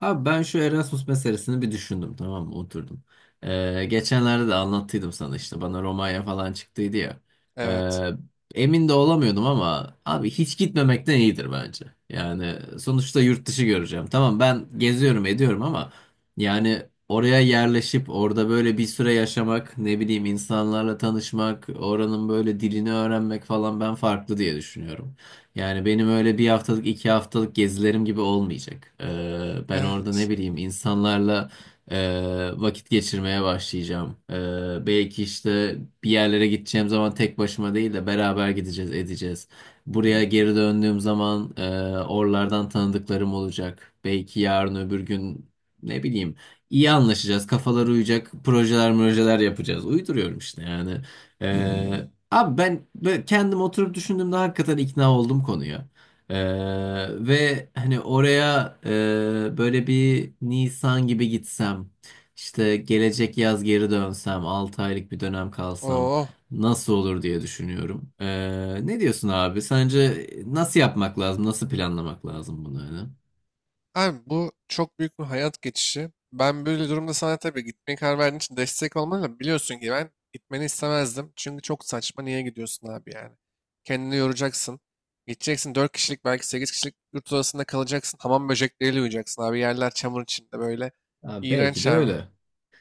Abi ben şu Erasmus meselesini bir düşündüm, tamam mı? Oturdum. Geçenlerde de anlattıydım sana, işte bana Romanya falan çıktıydı ya. Evet. Emin de olamıyordum ama abi hiç gitmemekten iyidir bence. Yani sonuçta yurt dışı göreceğim. Tamam, ben geziyorum ediyorum ama yani oraya yerleşip orada böyle bir süre yaşamak, ne bileyim, insanlarla tanışmak, oranın böyle dilini öğrenmek falan, ben farklı diye düşünüyorum. Yani benim öyle bir haftalık 2 haftalık gezilerim gibi olmayacak. Ben orada, ne Evet. bileyim, insanlarla vakit geçirmeye başlayacağım. Belki işte bir yerlere gideceğim zaman tek başıma değil de beraber gideceğiz edeceğiz. Buraya geri döndüğüm zaman oralardan tanıdıklarım olacak. Belki yarın öbür gün, ne bileyim, iyi anlaşacağız, kafalar uyacak, projeler yapacağız. Uyduruyorum işte yani. Ee, Abi ben böyle kendim oturup düşündüğümde hakikaten ikna oldum konuya. Ee, Ve hani oraya böyle bir Nisan gibi gitsem, işte gelecek yaz geri dönsem, 6 aylık bir dönem kalsam Oo. nasıl olur diye düşünüyorum. Ne diyorsun abi? Sence nasıl yapmak lazım? Nasıl planlamak lazım bunu, hani? Abi bu çok büyük bir hayat geçişi. Ben böyle durumda sana tabii gitmeye karar verdiğin için destek olmalı da biliyorsun ki ben gitmeni istemezdim. Çünkü çok saçma niye gidiyorsun abi yani. Kendini yoracaksın. Gideceksin 4 kişilik belki 8 kişilik yurt odasında kalacaksın. Hamam böcekleriyle uyuyacaksın abi. Yerler çamur içinde böyle. Abi belki İğrenç de abi. öyle.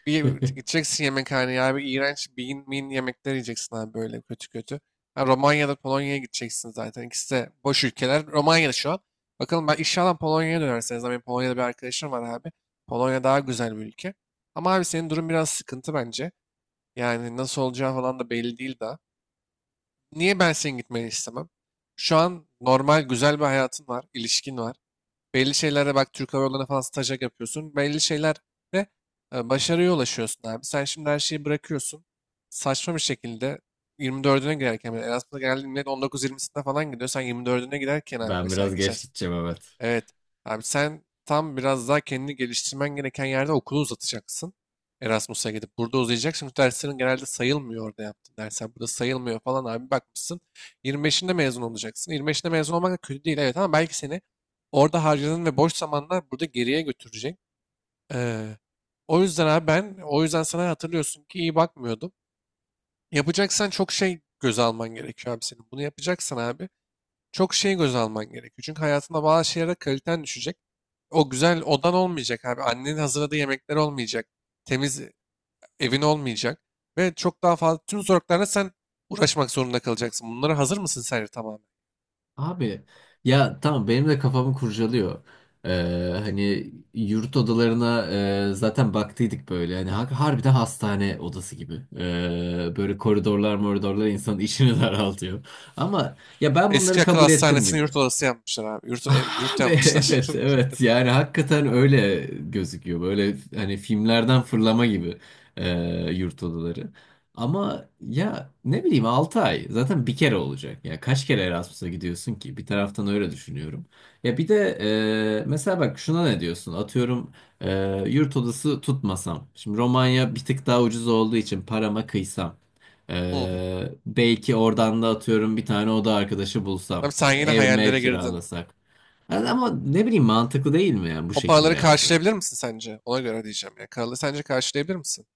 Bir gideceksin yemekhaneye abi. İğrenç bean mean yemekler yiyeceksin abi böyle kötü kötü. Ha, Romanya'da Polonya'ya gideceksin zaten. İkisi de boş ülkeler. Romanya'da şu an. Bakalım ben inşallah Polonya'ya dönerseniz. Benim Polonya'da bir arkadaşım var abi. Polonya daha güzel bir ülke. Ama abi senin durum biraz sıkıntı bence. Yani nasıl olacağı falan da belli değil daha. Niye ben senin gitmeni istemem? Şu an normal güzel bir hayatın var. İlişkin var. Belli şeylerde bak Türk Hava Yolları'na falan stajyer yapıyorsun. Belli şeylerde başarıya ulaşıyorsun abi. Sen şimdi her şeyi bırakıyorsun. Saçma bir şekilde 24'üne girerken bile Erasmus'a geldiğinde millet 19-20'sinde falan gidiyor. Sen 24'üne giderken abi Ben mesela biraz geçen. geç gideceğim, evet. Evet. Abi sen tam biraz daha kendini geliştirmen gereken yerde okulu uzatacaksın. Erasmus'a gidip burada uzayacak. Şimdi derslerin genelde sayılmıyor orada yaptığın dersler. Burada sayılmıyor falan abi bakmışsın. 25'inde mezun olacaksın. 25'inde mezun olmak da kötü değil evet ama belki seni orada harcadığın ve boş zamanlar burada geriye götürecek. Ee, O yüzden abi ben o yüzden sana hatırlıyorsun ki iyi bakmıyordum. Yapacaksan çok şey göze alman gerekiyor abi senin. Bunu yapacaksan abi çok şey göze alman gerekiyor. Çünkü hayatında bazı şeylere kaliten düşecek. O güzel odan olmayacak abi. Annenin hazırladığı yemekler olmayacak. Temiz evin olmayacak. Ve çok daha fazla tüm zorluklarla sen uğraşmak zorunda kalacaksın. Bunlara hazır mısın sence tamamen? Abi ya tamam, benim de kafamı kurcalıyor. Ee, Hani yurt odalarına zaten baktıydık böyle. Hani harbiden hastane odası gibi. Böyle koridorlar moridorlar insanın işini daraltıyor. Ama ya ben bunları Eski akıl kabul ettim hastanesini gibi. yurt odası yapmışlar abi. Yurt Abi, yapmışlar. evet evet, yani hakikaten öyle gözüküyor, böyle hani filmlerden fırlama gibi e, yurt odaları. Ama ya, ne bileyim, 6 ay zaten bir kere olacak ya, kaç kere Erasmus'a gidiyorsun ki? Bir taraftan öyle düşünüyorum. Ya bir de mesela bak şuna ne diyorsun, atıyorum, e, yurt odası tutmasam, şimdi Romanya bir tık daha ucuz olduğu için parama kıysam, Hı. Belki oradan da, atıyorum, bir tane oda arkadaşı bulsam, Abi sen yine ev mev hayallere girdin. kiralasak. Yani ama, ne bileyim, mantıklı değil mi yani bu O şekilde paraları yapsak? karşılayabilir misin sence? Ona göre diyeceğim ya. Kralı sence karşılayabilir misin?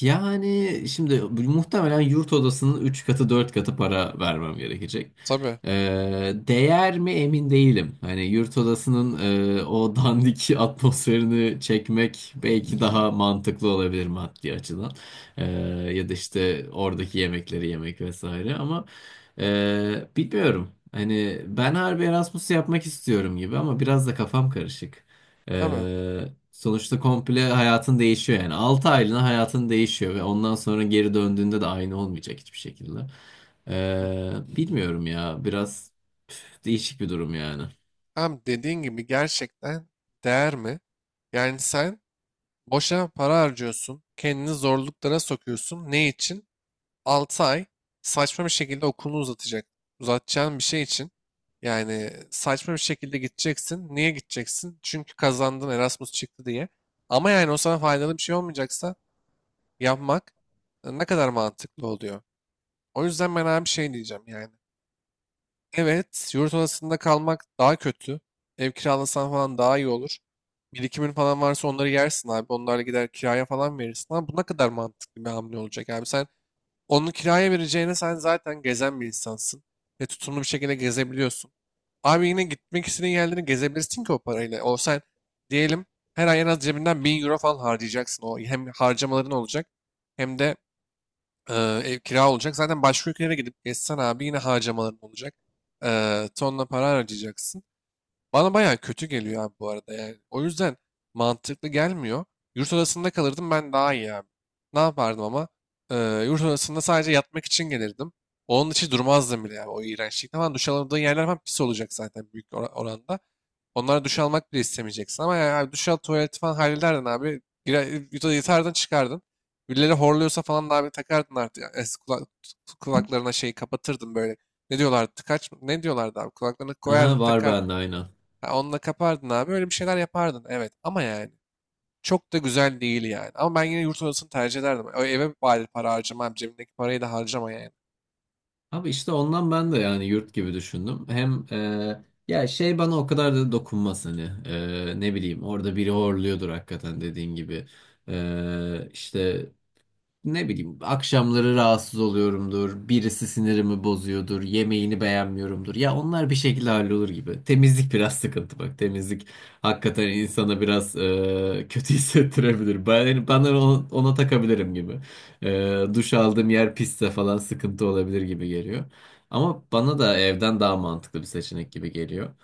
Yani şimdi muhtemelen yurt odasının 3 katı 4 katı para vermem gerekecek. Tabii. Değer mi, emin değilim. Hani yurt odasının o dandik atmosferini çekmek belki daha mantıklı olabilir maddi açıdan. Ee, Ya da işte oradaki yemekleri yemek vesaire ama bilmiyorum. Hani ben harbi Erasmus yapmak istiyorum gibi ama biraz da kafam karışık. Abi. Ee, Sonuçta komple hayatın değişiyor yani. 6 aylığına hayatın değişiyor ve ondan sonra geri döndüğünde de aynı olmayacak hiçbir şekilde. Hı. Bilmiyorum ya, biraz değişik bir durum yani. Abi dediğin gibi gerçekten değer mi? Yani sen boşa para harcıyorsun, kendini zorluklara sokuyorsun. Ne için? 6 ay saçma bir şekilde okulunu uzatacak. Uzatacağın bir şey için. Yani saçma bir şekilde gideceksin. Niye gideceksin? Çünkü kazandın Erasmus çıktı diye. Ama yani o sana faydalı bir şey olmayacaksa yapmak ne kadar mantıklı oluyor. O yüzden ben abi şey diyeceğim yani. Evet, yurt odasında kalmak daha kötü. Ev kiralasan falan daha iyi olur. Birikimin falan varsa onları yersin abi. Onlarla gider kiraya falan verirsin. Ama bu ne kadar mantıklı bir hamle olacak abi. Sen onu kiraya vereceğine sen zaten gezen bir insansın. Ve tutumlu bir şekilde gezebiliyorsun. Abi yine gitmek istediğin yerleri gezebilirsin ki o parayla. O sen diyelim her ay en az cebinden 1.000 euro falan harcayacaksın. O hem harcamaların olacak hem de Eee, ev kira olacak. Zaten başka ülkelere gidip gezsen abi yine harcamaların olacak. Tonla para harcayacaksın. Bana bayağı kötü geliyor abi bu arada yani. O yüzden mantıklı gelmiyor. Yurt odasında kalırdım ben daha iyi abi. Ne yapardım ama? Eee Yurt odasında sadece yatmak için gelirdim. Onun için durmazdım bile yani o iğrençlikte falan. Duş alamadığın yerler falan pis olacak zaten büyük oranda. Onlara duş almak bile istemeyeceksin. Ama yani abi duş al tuvaleti falan hallederdin abi. Girer, yatardın çıkardın. Birileri horluyorsa falan da abi takardın artık. Yani kulaklarına şeyi kapatırdın böyle. Ne diyorlardı? Tıkaç mı? Ne diyorlardı abi? Kulaklarına Aha, koyardın var takardın. bende aynen. Ha, onunla kapardın abi. Öyle bir şeyler yapardın. Evet ama yani. Çok da güzel değil yani. Ama ben yine yurt odasını tercih ederdim. O eve bari para harcamam. Cebimdeki parayı da harcama yani. Abi işte ondan ben de yani yurt gibi düşündüm. Hem ya şey, bana o kadar da dokunmaz hani. Ne bileyim, orada biri horluyordur hakikaten dediğin gibi. İşte ne bileyim, akşamları rahatsız oluyorumdur, birisi sinirimi bozuyordur, yemeğini beğenmiyorumdur. Ya onlar bir şekilde hallolur gibi. Temizlik biraz sıkıntı bak. Temizlik hakikaten insana biraz kötü hissettirebilir. Ben, yani ona takabilirim gibi. Duş aldığım yer pisse falan sıkıntı olabilir gibi geliyor. Ama bana da evden daha mantıklı bir seçenek gibi geliyor.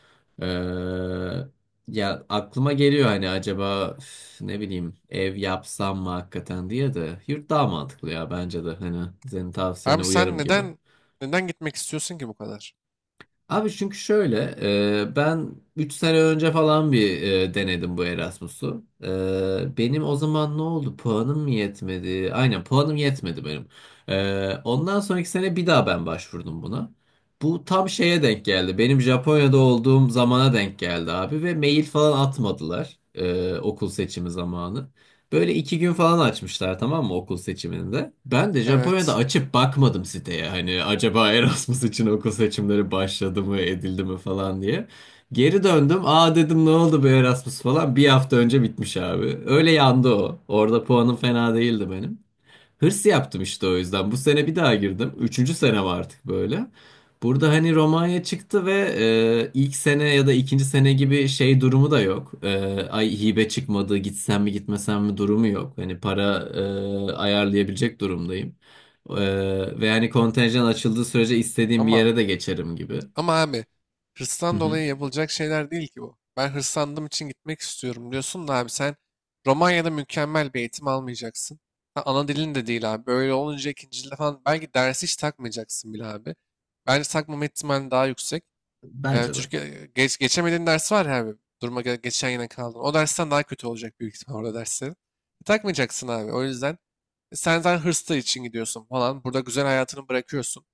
Ya aklıma geliyor hani, acaba ne bileyim, ev yapsam mı hakikaten diye de, yurt daha mantıklı ya bence de, hani senin tavsiyene Abi sen uyarım gibi. neden gitmek istiyorsun ki bu kadar? Abi çünkü şöyle, ben 3 sene önce falan bir denedim bu Erasmus'u. Benim o zaman ne oldu? Puanım mı yetmedi? Aynen, puanım yetmedi benim. Ondan sonraki sene bir daha ben başvurdum buna. Bu tam şeye denk geldi. Benim Japonya'da olduğum zamana denk geldi abi, ve mail falan atmadılar okul seçimi zamanı. Böyle 2 gün falan açmışlar, tamam mı, okul seçiminde. Ben de Japonya'da Evet. açıp bakmadım siteye. Hani acaba Erasmus için okul seçimleri başladı mı edildi mi falan diye. Geri döndüm. Aa, dedim, ne oldu bu Erasmus falan. Bir hafta önce bitmiş abi. Öyle yandı o. Orada puanım fena değildi benim. Hırs yaptım işte o yüzden. Bu sene bir daha girdim. Üçüncü senem artık böyle. Burada hani Romanya çıktı ve ilk sene ya da ikinci sene gibi şey durumu da yok. Ay, hibe çıkmadı, gitsem mi gitmesem mi durumu yok. Hani para ayarlayabilecek durumdayım. E, Ve yani kontenjan açıldığı sürece istediğim bir Ama yere de geçerim gibi. Ama abi Hı hırstan hı. dolayı yapılacak şeyler değil ki bu. Ben hırslandığım için gitmek istiyorum diyorsun da abi sen Romanya'da mükemmel bir eğitim almayacaksın. Ha, ana dilin de değil abi. Böyle olunca ikinci dilde falan belki dersi hiç takmayacaksın bile abi. Bence takmama ihtimali daha yüksek. Bence de. Türkiye geçemediğin ders var ya abi. Duruma göre geçen yine kaldın. O dersten daha kötü olacak büyük ihtimal orada derslerin. Takmayacaksın abi. O yüzden sen zaten hırsla için gidiyorsun falan. Burada güzel hayatını bırakıyorsun.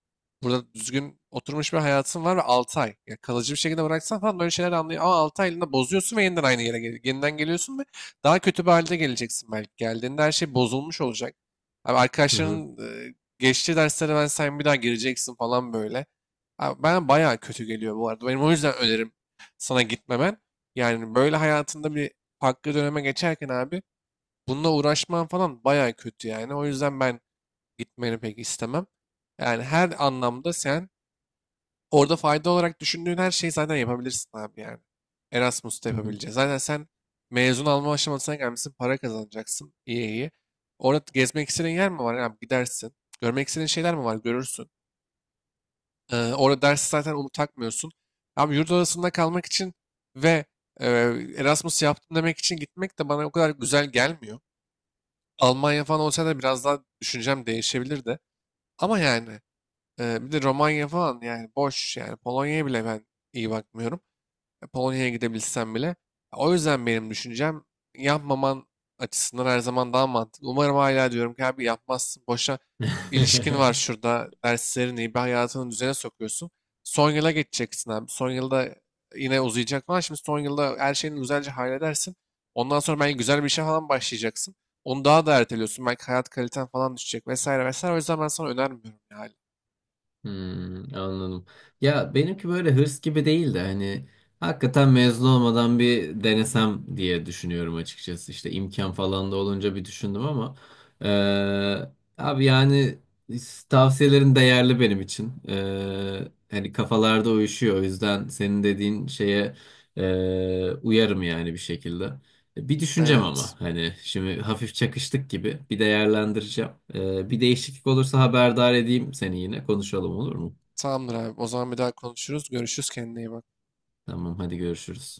Burada düzgün oturmuş bir hayatın var ve 6 ay. Ya kalıcı bir şekilde bıraksan falan böyle şeyler anlıyor. Ama 6 aylığında bozuyorsun ve yeniden aynı yere yeniden geliyorsun ve daha kötü bir halde geleceksin belki. Geldiğinde her şey bozulmuş olacak. Abi Hı hı. arkadaşların geçtiği derslere ben sen bir daha gireceksin falan böyle. Abi ben bayağı kötü geliyor bu arada. Benim o yüzden önerim sana gitmemen. Yani böyle hayatında bir farklı döneme geçerken abi bununla uğraşman falan baya kötü yani. O yüzden ben gitmeni pek istemem. Yani her anlamda sen orada fayda olarak düşündüğün her şeyi zaten yapabilirsin abi yani. Erasmus'ta Hı hı. yapabileceğiz. Zaten sen mezun alma aşamasına gelmişsin, para kazanacaksın. İyi iyi. Orada gezmek istediğin yer mi var? Abi gidersin. Görmek istediğin şeyler mi var? Görürsün. Orada ders zaten onu takmıyorsun. Abi yurt odasında kalmak için ve e, Erasmus yaptım demek için gitmek de bana o kadar güzel gelmiyor. Almanya falan olsa da biraz daha düşüncem değişebilirdi. Ama yani bir de Romanya falan yani boş yani Polonya'ya bile ben iyi bakmıyorum Polonya'ya gidebilsem bile. O yüzden benim düşüncem yapmaman açısından her zaman daha mantıklı. Umarım hala diyorum ki abi yapmazsın. Boşa ilişkin var şurada. Derslerin iyi bir hayatını düzene sokuyorsun. Son yıla geçeceksin abi. Son yılda yine uzayacak falan. Şimdi son yılda her şeyini güzelce halledersin. Ondan sonra belki güzel bir işe falan başlayacaksın. Onu daha da erteliyorsun. Belki hayat kaliten falan düşecek vesaire vesaire. O yüzden ben sana önermiyorum yani. Hmm, anladım. Ya benimki böyle hırs gibi değil de hani hakikaten mezun olmadan bir denesem diye düşünüyorum açıkçası. İşte imkan falan da olunca bir düşündüm ama eee, abi yani tavsiyelerin değerli benim için. Hani kafalarda uyuşuyor. O yüzden senin dediğin şeye uyarım yani bir şekilde. Bir düşüneceğim Evet. ama hani şimdi hafif çakıştık gibi, bir değerlendireceğim. Bir değişiklik olursa haberdar edeyim seni, yine konuşalım, olur mu? Tamamdır abi. O zaman bir daha konuşuruz. Görüşürüz. Kendine iyi bak. Tamam hadi, görüşürüz.